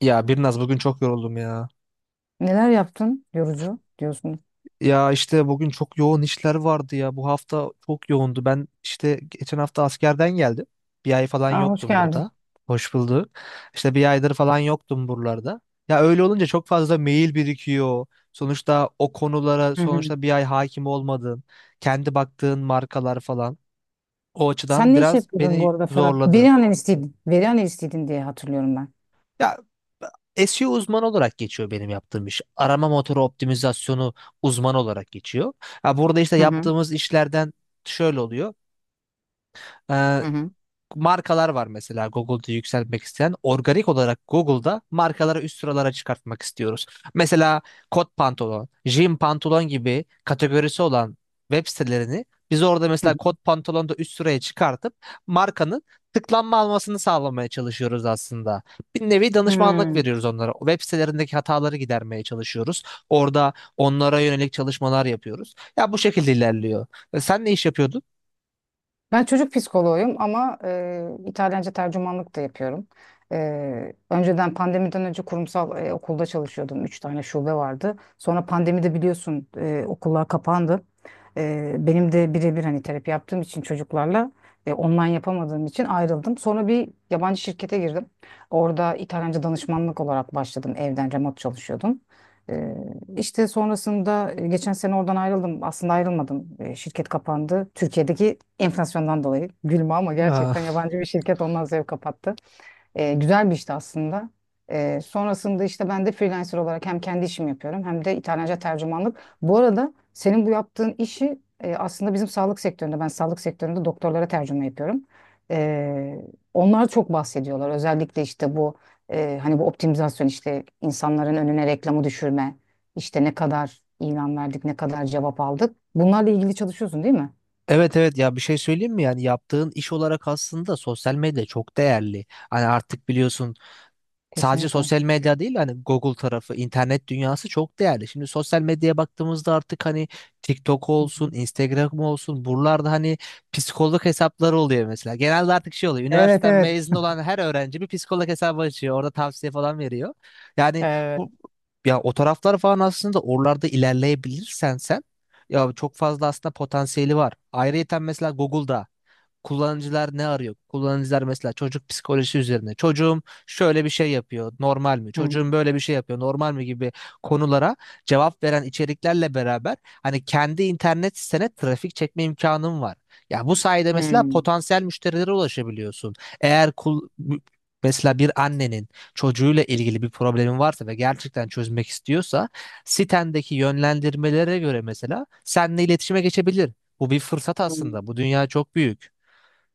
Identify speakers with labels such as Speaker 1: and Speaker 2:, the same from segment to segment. Speaker 1: Ya Birnaz bugün çok yoruldum ya.
Speaker 2: Neler yaptın yorucu diyorsun.
Speaker 1: Ya işte bugün çok yoğun işler vardı ya. Bu hafta çok yoğundu. Ben işte geçen hafta askerden geldim. Bir ay falan
Speaker 2: Aa, hoş
Speaker 1: yoktum
Speaker 2: geldin.
Speaker 1: burada. Hoş bulduk. İşte bir aydır falan yoktum buralarda. Ya öyle olunca çok fazla mail birikiyor. Sonuçta o konulara
Speaker 2: Hı hı.
Speaker 1: sonuçta bir ay hakim olmadın. Kendi baktığın markalar falan. O açıdan
Speaker 2: Sen ne iş
Speaker 1: biraz
Speaker 2: yapıyordun bu
Speaker 1: beni
Speaker 2: arada Ferhat?
Speaker 1: zorladı.
Speaker 2: Veri analistiydin. Veri analistiydin diye hatırlıyorum ben.
Speaker 1: Ya SEO uzmanı olarak geçiyor benim yaptığım iş. Arama motoru optimizasyonu uzmanı olarak geçiyor. Ha, burada işte
Speaker 2: Hı hı.
Speaker 1: yaptığımız işlerden şöyle oluyor. Ee,
Speaker 2: Hı hı.
Speaker 1: Markalar var mesela Google'da yükseltmek isteyen. Organik olarak Google'da markaları üst sıralara çıkartmak istiyoruz. Mesela kot pantolon, jean pantolon gibi kategorisi olan web sitelerini biz orada
Speaker 2: Hı
Speaker 1: mesela
Speaker 2: hı.
Speaker 1: kot pantolonu da üst sıraya çıkartıp markanın tıklanma almasını sağlamaya çalışıyoruz aslında. Bir nevi danışmanlık
Speaker 2: Hı.
Speaker 1: veriyoruz onlara. Web sitelerindeki hataları gidermeye çalışıyoruz. Orada onlara yönelik çalışmalar yapıyoruz. Ya bu şekilde ilerliyor. E, sen ne iş yapıyordun?
Speaker 2: Ben çocuk psikoloğuyum ama İtalyanca tercümanlık da yapıyorum. Önceden pandemiden önce kurumsal okulda çalışıyordum. Üç tane şube vardı. Sonra pandemide biliyorsun okullar kapandı. Benim de birebir hani terapi yaptığım için çocuklarla online yapamadığım için ayrıldım. Sonra bir yabancı şirkete girdim. Orada İtalyanca danışmanlık olarak başladım. Evden remote çalışıyordum. İşte sonrasında geçen sene oradan ayrıldım. Aslında ayrılmadım. Şirket kapandı. Türkiye'deki enflasyondan dolayı. Gülme ama gerçekten yabancı bir şirket ondan zevk kapattı. Güzel bir işti aslında. Sonrasında işte ben de freelancer olarak hem kendi işimi yapıyorum hem de İtalyanca tercümanlık. Bu arada senin bu yaptığın işi aslında bizim sağlık sektöründe, ben sağlık sektöründe doktorlara tercüme yapıyorum. E, Onlar çok bahsediyorlar. Özellikle işte bu hani bu optimizasyon işte insanların önüne reklamı düşürme, işte ne kadar ilan verdik, ne kadar cevap aldık. Bunlarla ilgili çalışıyorsun değil mi?
Speaker 1: Evet evet, ya bir şey söyleyeyim mi, yani yaptığın iş olarak aslında sosyal medya çok değerli. Hani artık biliyorsun sadece
Speaker 2: Kesinlikle.
Speaker 1: sosyal medya değil, hani Google tarafı, internet dünyası çok değerli. Şimdi sosyal medyaya baktığımızda artık hani TikTok
Speaker 2: Hı
Speaker 1: olsun,
Speaker 2: hı.
Speaker 1: Instagram olsun buralarda hani psikolog hesapları oluyor mesela. Genelde artık şey oluyor.
Speaker 2: Evet,
Speaker 1: Üniversiteden
Speaker 2: evet.
Speaker 1: mezun olan her öğrenci bir psikolog hesabı açıyor. Orada tavsiye falan veriyor. Yani
Speaker 2: Evet.
Speaker 1: bu ya o taraflar falan aslında oralarda ilerleyebilirsen sen ya çok fazla aslında potansiyeli var. Ayrıyeten mesela Google'da kullanıcılar ne arıyor? Kullanıcılar mesela çocuk psikolojisi üzerine. Çocuğum şöyle bir şey yapıyor, normal mi?
Speaker 2: Hı
Speaker 1: Çocuğum böyle bir şey yapıyor, normal mi gibi konulara cevap veren içeriklerle beraber hani kendi internet sitene trafik çekme imkanın var. Ya bu sayede mesela
Speaker 2: hı.
Speaker 1: potansiyel müşterilere ulaşabiliyorsun. Eğer kul mesela bir annenin çocuğuyla ilgili bir problemi varsa ve gerçekten çözmek istiyorsa sitendeki yönlendirmelere göre mesela seninle iletişime geçebilir. Bu bir fırsat
Speaker 2: Hı.
Speaker 1: aslında. Bu dünya çok büyük.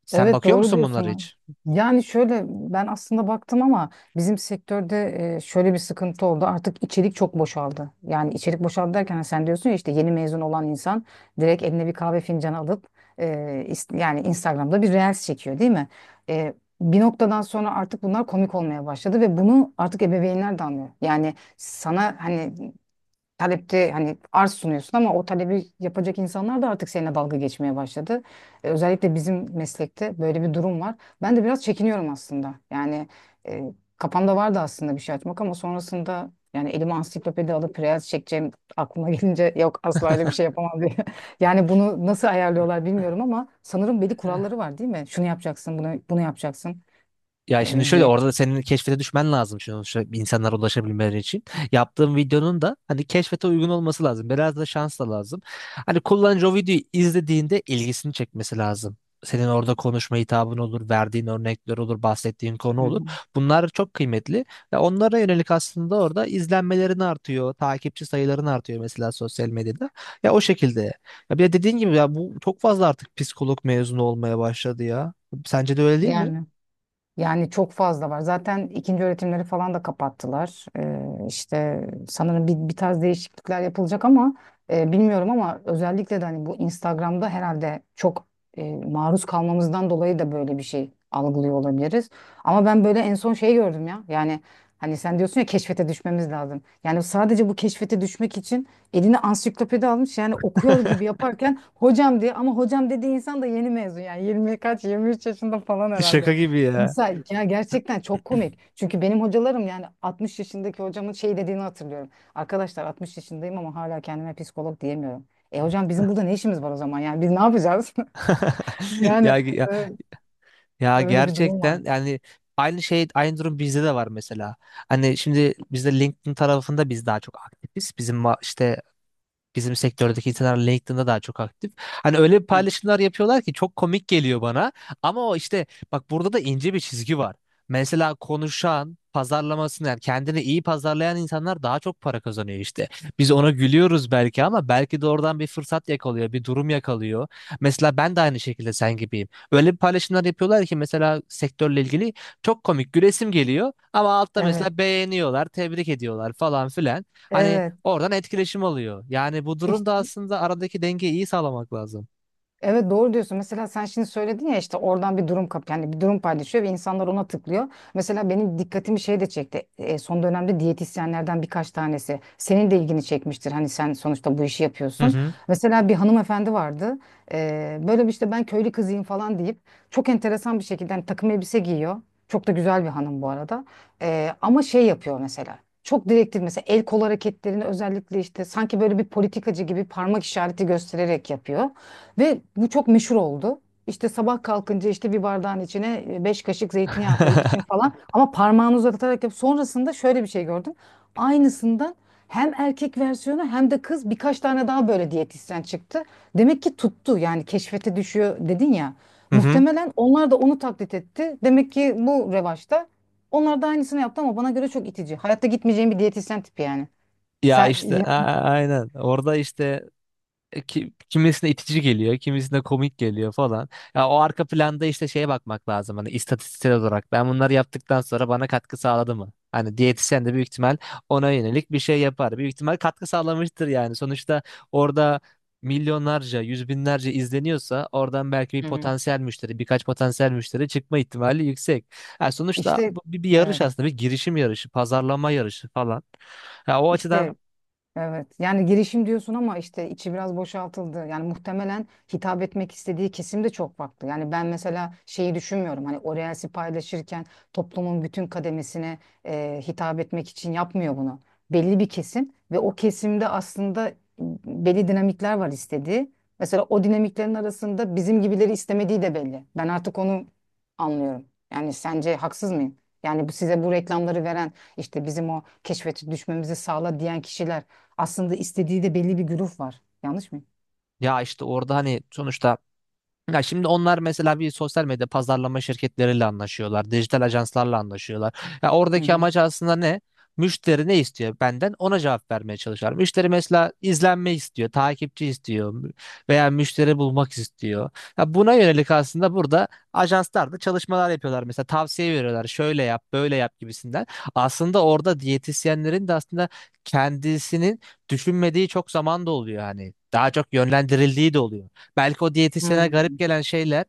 Speaker 1: Sen
Speaker 2: Evet,
Speaker 1: bakıyor
Speaker 2: doğru
Speaker 1: musun bunlara
Speaker 2: diyorsun.
Speaker 1: hiç?
Speaker 2: Yani şöyle ben aslında baktım ama bizim sektörde şöyle bir sıkıntı oldu. Artık içerik çok boşaldı. Yani içerik boşaldı derken hani sen diyorsun ya işte yeni mezun olan insan direkt eline bir kahve fincanı alıp e, yani Instagram'da bir reels çekiyor değil mi? E, Bir noktadan sonra artık bunlar komik olmaya başladı ve bunu artık ebeveynler de anlıyor. Yani sana hani talepte hani arz sunuyorsun ama o talebi yapacak insanlar da artık seninle dalga geçmeye başladı. Özellikle bizim meslekte böyle bir durum var. Ben de biraz çekiniyorum aslında. Yani e, kafamda vardı aslında bir şey açmak ama sonrasında yani elime ansiklopedi alıp reels çekeceğim aklıma gelince yok asla öyle bir şey yapamam diye. Yani bunu nasıl ayarlıyorlar bilmiyorum ama sanırım belli kuralları var değil mi? Şunu yapacaksın, bunu yapacaksın
Speaker 1: Ya şimdi şöyle
Speaker 2: diye.
Speaker 1: orada da senin keşfete düşmen lazım şimdi sonuçta insanlara ulaşabilmeleri için. Yaptığım videonun da hani keşfete uygun olması lazım. Biraz da şans da lazım. Hani kullanıcı o videoyu izlediğinde ilgisini çekmesi lazım. Senin orada konuşma hitabın olur, verdiğin örnekler olur, bahsettiğin konu
Speaker 2: Hı
Speaker 1: olur.
Speaker 2: hı.
Speaker 1: Bunlar çok kıymetli ve onlara yönelik aslında orada izlenmelerin artıyor, takipçi sayıların artıyor mesela sosyal medyada. Ya o şekilde. Ya bir de dediğin gibi ya bu çok fazla artık psikolog mezunu olmaya başladı ya. Sence de öyle değil mi?
Speaker 2: Yani. Yani çok fazla var. Zaten ikinci öğretimleri falan da kapattılar. İşte sanırım bir tarz değişiklikler yapılacak ama bilmiyorum ama özellikle de hani bu Instagram'da herhalde çok maruz kalmamızdan dolayı da böyle bir şey algılıyor olabiliriz. Ama ben böyle en son şey gördüm ya. Yani hani sen diyorsun ya keşfete düşmemiz lazım. Yani sadece bu keşfete düşmek için eline ansiklopedi almış yani okuyor gibi yaparken hocam diye ama hocam dediği insan da yeni mezun yani 20 kaç 23 yaşında falan herhalde.
Speaker 1: Şaka gibi ya.
Speaker 2: Mesela ya gerçekten çok komik. Çünkü benim hocalarım yani 60 yaşındaki hocamın şey dediğini hatırlıyorum. Arkadaşlar 60 yaşındayım ama hala kendime psikolog diyemiyorum. E hocam bizim burada ne işimiz var o zaman? Yani biz ne yapacağız? Yani
Speaker 1: Ya, ya,
Speaker 2: e,
Speaker 1: ya
Speaker 2: öyle bir durum var.
Speaker 1: gerçekten yani aynı şey, aynı durum bizde de var mesela. Hani şimdi bizde LinkedIn tarafında biz daha çok aktifiz. İşte bizim sektördeki insanlar LinkedIn'da daha çok aktif. Hani öyle
Speaker 2: Ha.
Speaker 1: paylaşımlar yapıyorlar ki çok komik geliyor bana. Ama o işte bak burada da ince bir çizgi var. Mesela konuşan, pazarlamasını yani kendini iyi pazarlayan insanlar daha çok para kazanıyor işte. Biz ona gülüyoruz belki ama belki de oradan bir fırsat yakalıyor, bir durum yakalıyor. Mesela ben de aynı şekilde sen gibiyim. Öyle bir paylaşımlar yapıyorlar ki mesela sektörle ilgili çok komik, gülesim geliyor ama altta
Speaker 2: Evet,
Speaker 1: mesela beğeniyorlar, tebrik ediyorlar falan filan. Hani
Speaker 2: evet.
Speaker 1: oradan etkileşim alıyor. Yani bu durumda aslında aradaki dengeyi iyi sağlamak lazım.
Speaker 2: Evet, doğru diyorsun. Mesela sen şimdi söyledin ya işte oradan bir durum kap yani bir durum paylaşıyor ve insanlar ona tıklıyor. Mesela benim dikkatimi şey de çekti. Son dönemde diyetisyenlerden birkaç tanesi. Senin de ilgini çekmiştir. Hani sen sonuçta bu işi
Speaker 1: Hı
Speaker 2: yapıyorsun.
Speaker 1: hı.
Speaker 2: Mesela bir hanımefendi vardı. Böyle bir işte ben köylü kızıyım falan deyip çok enteresan bir şekilde hani takım elbise giyiyor. Çok da güzel bir hanım bu arada. Ama şey yapıyor mesela. Çok direktif mesela el kol hareketlerini özellikle işte sanki böyle bir politikacı gibi parmak işareti göstererek yapıyor. Ve bu çok meşhur oldu. İşte sabah kalkınca işte bir bardağın içine 5 kaşık zeytinyağı koyup için falan. Ama parmağını uzatarak yap. Sonrasında şöyle bir şey gördüm. Aynısından hem erkek versiyonu hem de kız birkaç tane daha böyle diyetisyen çıktı. Demek ki tuttu yani keşfete düşüyor dedin ya.
Speaker 1: Hı hı.
Speaker 2: Muhtemelen onlar da onu taklit etti. Demek ki bu revaçta. Onlar da aynısını yaptı ama bana göre çok itici. Hayatta gitmeyeceğim bir diyetisyen tipi yani.
Speaker 1: Ya
Speaker 2: Sen
Speaker 1: işte
Speaker 2: ya.
Speaker 1: aynen. Orada işte kimisine itici geliyor, kimisine komik geliyor falan. Ya o arka planda işte şeye bakmak lazım hani istatistiksel olarak. Ben bunları yaptıktan sonra bana katkı sağladı mı? Hani diyetisyen de büyük ihtimal ona yönelik bir şey yapar. Büyük ihtimal katkı sağlamıştır yani. Sonuçta orada milyonlarca, yüz binlerce izleniyorsa oradan belki bir
Speaker 2: Hı hı.
Speaker 1: potansiyel müşteri, birkaç potansiyel müşteri çıkma ihtimali yüksek. Yani sonuçta
Speaker 2: işte
Speaker 1: bu bir, bir yarış
Speaker 2: evet.
Speaker 1: aslında, bir girişim yarışı, pazarlama yarışı falan. Ya o açıdan
Speaker 2: işte Evet. Yani girişim diyorsun ama işte içi biraz boşaltıldı. Yani muhtemelen hitap etmek istediği kesim de çok farklı. Yani ben mesela şeyi düşünmüyorum. Hani o reels'i paylaşırken toplumun bütün kademesine hitap etmek için yapmıyor bunu. Belli bir kesim ve o kesimde aslında belli dinamikler var istediği. Mesela o dinamiklerin arasında bizim gibileri istemediği de belli. Ben artık onu anlıyorum. Yani sence haksız mıyım? Yani bu size bu reklamları veren işte bizim o keşfete düşmemizi sağla diyen kişiler aslında istediği de belli bir güruh var. Yanlış mıyım?
Speaker 1: ya işte orada hani sonuçta ya şimdi onlar mesela bir sosyal medya pazarlama şirketleriyle anlaşıyorlar, dijital ajanslarla anlaşıyorlar. Ya
Speaker 2: Hı
Speaker 1: oradaki
Speaker 2: hı.
Speaker 1: amaç aslında ne? Müşteri ne istiyor benden? Ona cevap vermeye çalışıyorlar. Müşteri mesela izlenme istiyor, takipçi istiyor veya müşteri bulmak istiyor. Ya buna yönelik aslında burada ajanslar da çalışmalar yapıyorlar. Mesela tavsiye veriyorlar. Şöyle yap, böyle yap gibisinden. Aslında orada diyetisyenlerin de aslında kendisinin düşünmediği çok zaman da oluyor hani. Daha çok yönlendirildiği de oluyor. Belki o diyetisyene garip
Speaker 2: Hmm.
Speaker 1: gelen şeyler,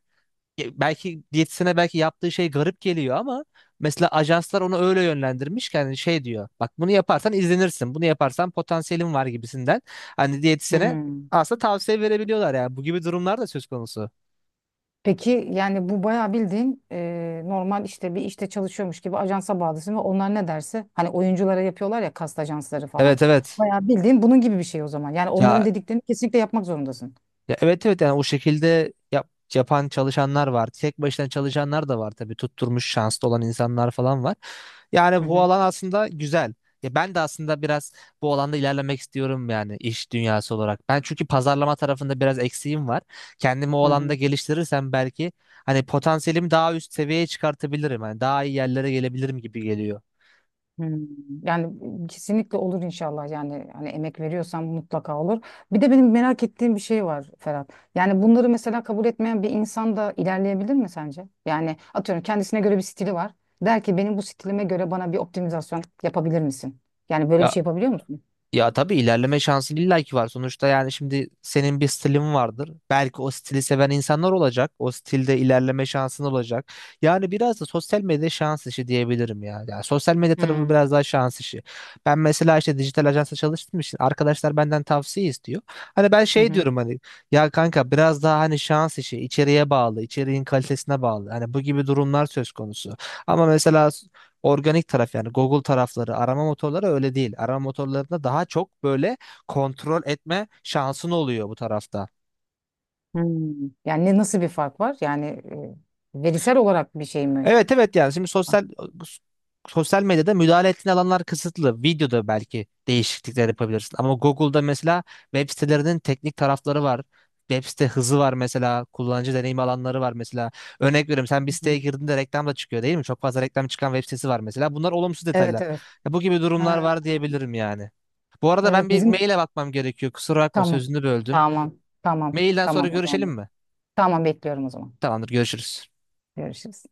Speaker 1: belki diyetisyene belki yaptığı şey garip geliyor ama mesela ajanslar onu öyle yönlendirmiş ki hani şey diyor. Bak bunu yaparsan izlenirsin. Bunu yaparsan potansiyelin var gibisinden. Hani diyetisyene
Speaker 2: Hmm.
Speaker 1: aslında tavsiye verebiliyorlar yani. Bu gibi durumlar da söz konusu.
Speaker 2: Peki yani bu bayağı bildiğin normal işte bir işte çalışıyormuş gibi ajansa bağlısın ve onlar ne derse hani oyunculara yapıyorlar ya kast ajansları falan.
Speaker 1: Evet evet.
Speaker 2: Bayağı bildiğin bunun gibi bir şey o zaman. Yani onların
Speaker 1: Ya
Speaker 2: dediklerini kesinlikle yapmak zorundasın.
Speaker 1: ya evet evet yani o şekilde yapan çalışanlar var. Tek başına çalışanlar da var tabii. Tutturmuş şanslı olan insanlar falan var. Yani
Speaker 2: Hı
Speaker 1: bu
Speaker 2: hı.
Speaker 1: alan aslında güzel. Ya ben de aslında biraz bu alanda ilerlemek istiyorum yani iş dünyası olarak. Ben çünkü pazarlama tarafında biraz eksiğim var. Kendimi o
Speaker 2: Hı
Speaker 1: alanda
Speaker 2: hı.
Speaker 1: geliştirirsem belki hani potansiyelimi daha üst seviyeye çıkartabilirim. Hani daha iyi yerlere gelebilirim gibi geliyor.
Speaker 2: Hmm. Yani kesinlikle olur inşallah yani hani emek veriyorsam mutlaka olur. Bir de benim merak ettiğim bir şey var Ferhat. Yani bunları mesela kabul etmeyen bir insan da ilerleyebilir mi sence? Yani atıyorum kendisine göre bir stili var. Der ki benim bu stilime göre bana bir optimizasyon yapabilir misin? Yani böyle bir
Speaker 1: Ya
Speaker 2: şey yapabiliyor musun?
Speaker 1: ya tabii ilerleme şansın illaki var. Sonuçta yani şimdi senin bir stilin vardır. Belki o stili seven insanlar olacak. O stilde ilerleme şansın olacak. Yani biraz da sosyal medya şans işi diyebilirim ya. Yani sosyal medya tarafı
Speaker 2: Hmm.
Speaker 1: biraz daha şans işi. Ben mesela işte dijital ajansa çalıştığım için arkadaşlar benden tavsiye istiyor. Hani ben
Speaker 2: Hı
Speaker 1: şey
Speaker 2: hı.
Speaker 1: diyorum hani ya kanka biraz daha hani şans işi, içeriğe bağlı, içeriğin kalitesine bağlı. Hani bu gibi durumlar söz konusu. Ama mesela organik taraf yani Google tarafları, arama motorları öyle değil. Arama motorlarında daha çok böyle kontrol etme şansın oluyor bu tarafta.
Speaker 2: Hmm. Yani nasıl bir fark var? Yani verisel olarak bir şey mi?
Speaker 1: Evet evet yani şimdi sosyal medyada müdahale ettiğin alanlar kısıtlı. Videoda belki değişiklikler yapabilirsin. Ama Google'da mesela web sitelerinin teknik tarafları var. Web site hızı var mesela. Kullanıcı deneyim alanları var mesela. Örnek veriyorum, sen bir
Speaker 2: Hı.
Speaker 1: siteye girdiğinde reklam da çıkıyor değil mi? Çok fazla reklam çıkan web sitesi var mesela. Bunlar olumsuz
Speaker 2: Evet,
Speaker 1: detaylar.
Speaker 2: evet.
Speaker 1: Ya bu gibi durumlar
Speaker 2: Ha,
Speaker 1: var diyebilirim yani. Bu arada ben
Speaker 2: evet,
Speaker 1: bir
Speaker 2: bizim
Speaker 1: maile bakmam gerekiyor. Kusura bakma,
Speaker 2: tamam.
Speaker 1: sözünü böldüm.
Speaker 2: Tamam. Tamam.
Speaker 1: Mailden sonra
Speaker 2: Tamam o
Speaker 1: görüşelim
Speaker 2: zaman.
Speaker 1: mi?
Speaker 2: Tamam, bekliyorum o zaman.
Speaker 1: Tamamdır, görüşürüz.
Speaker 2: Görüşürüz.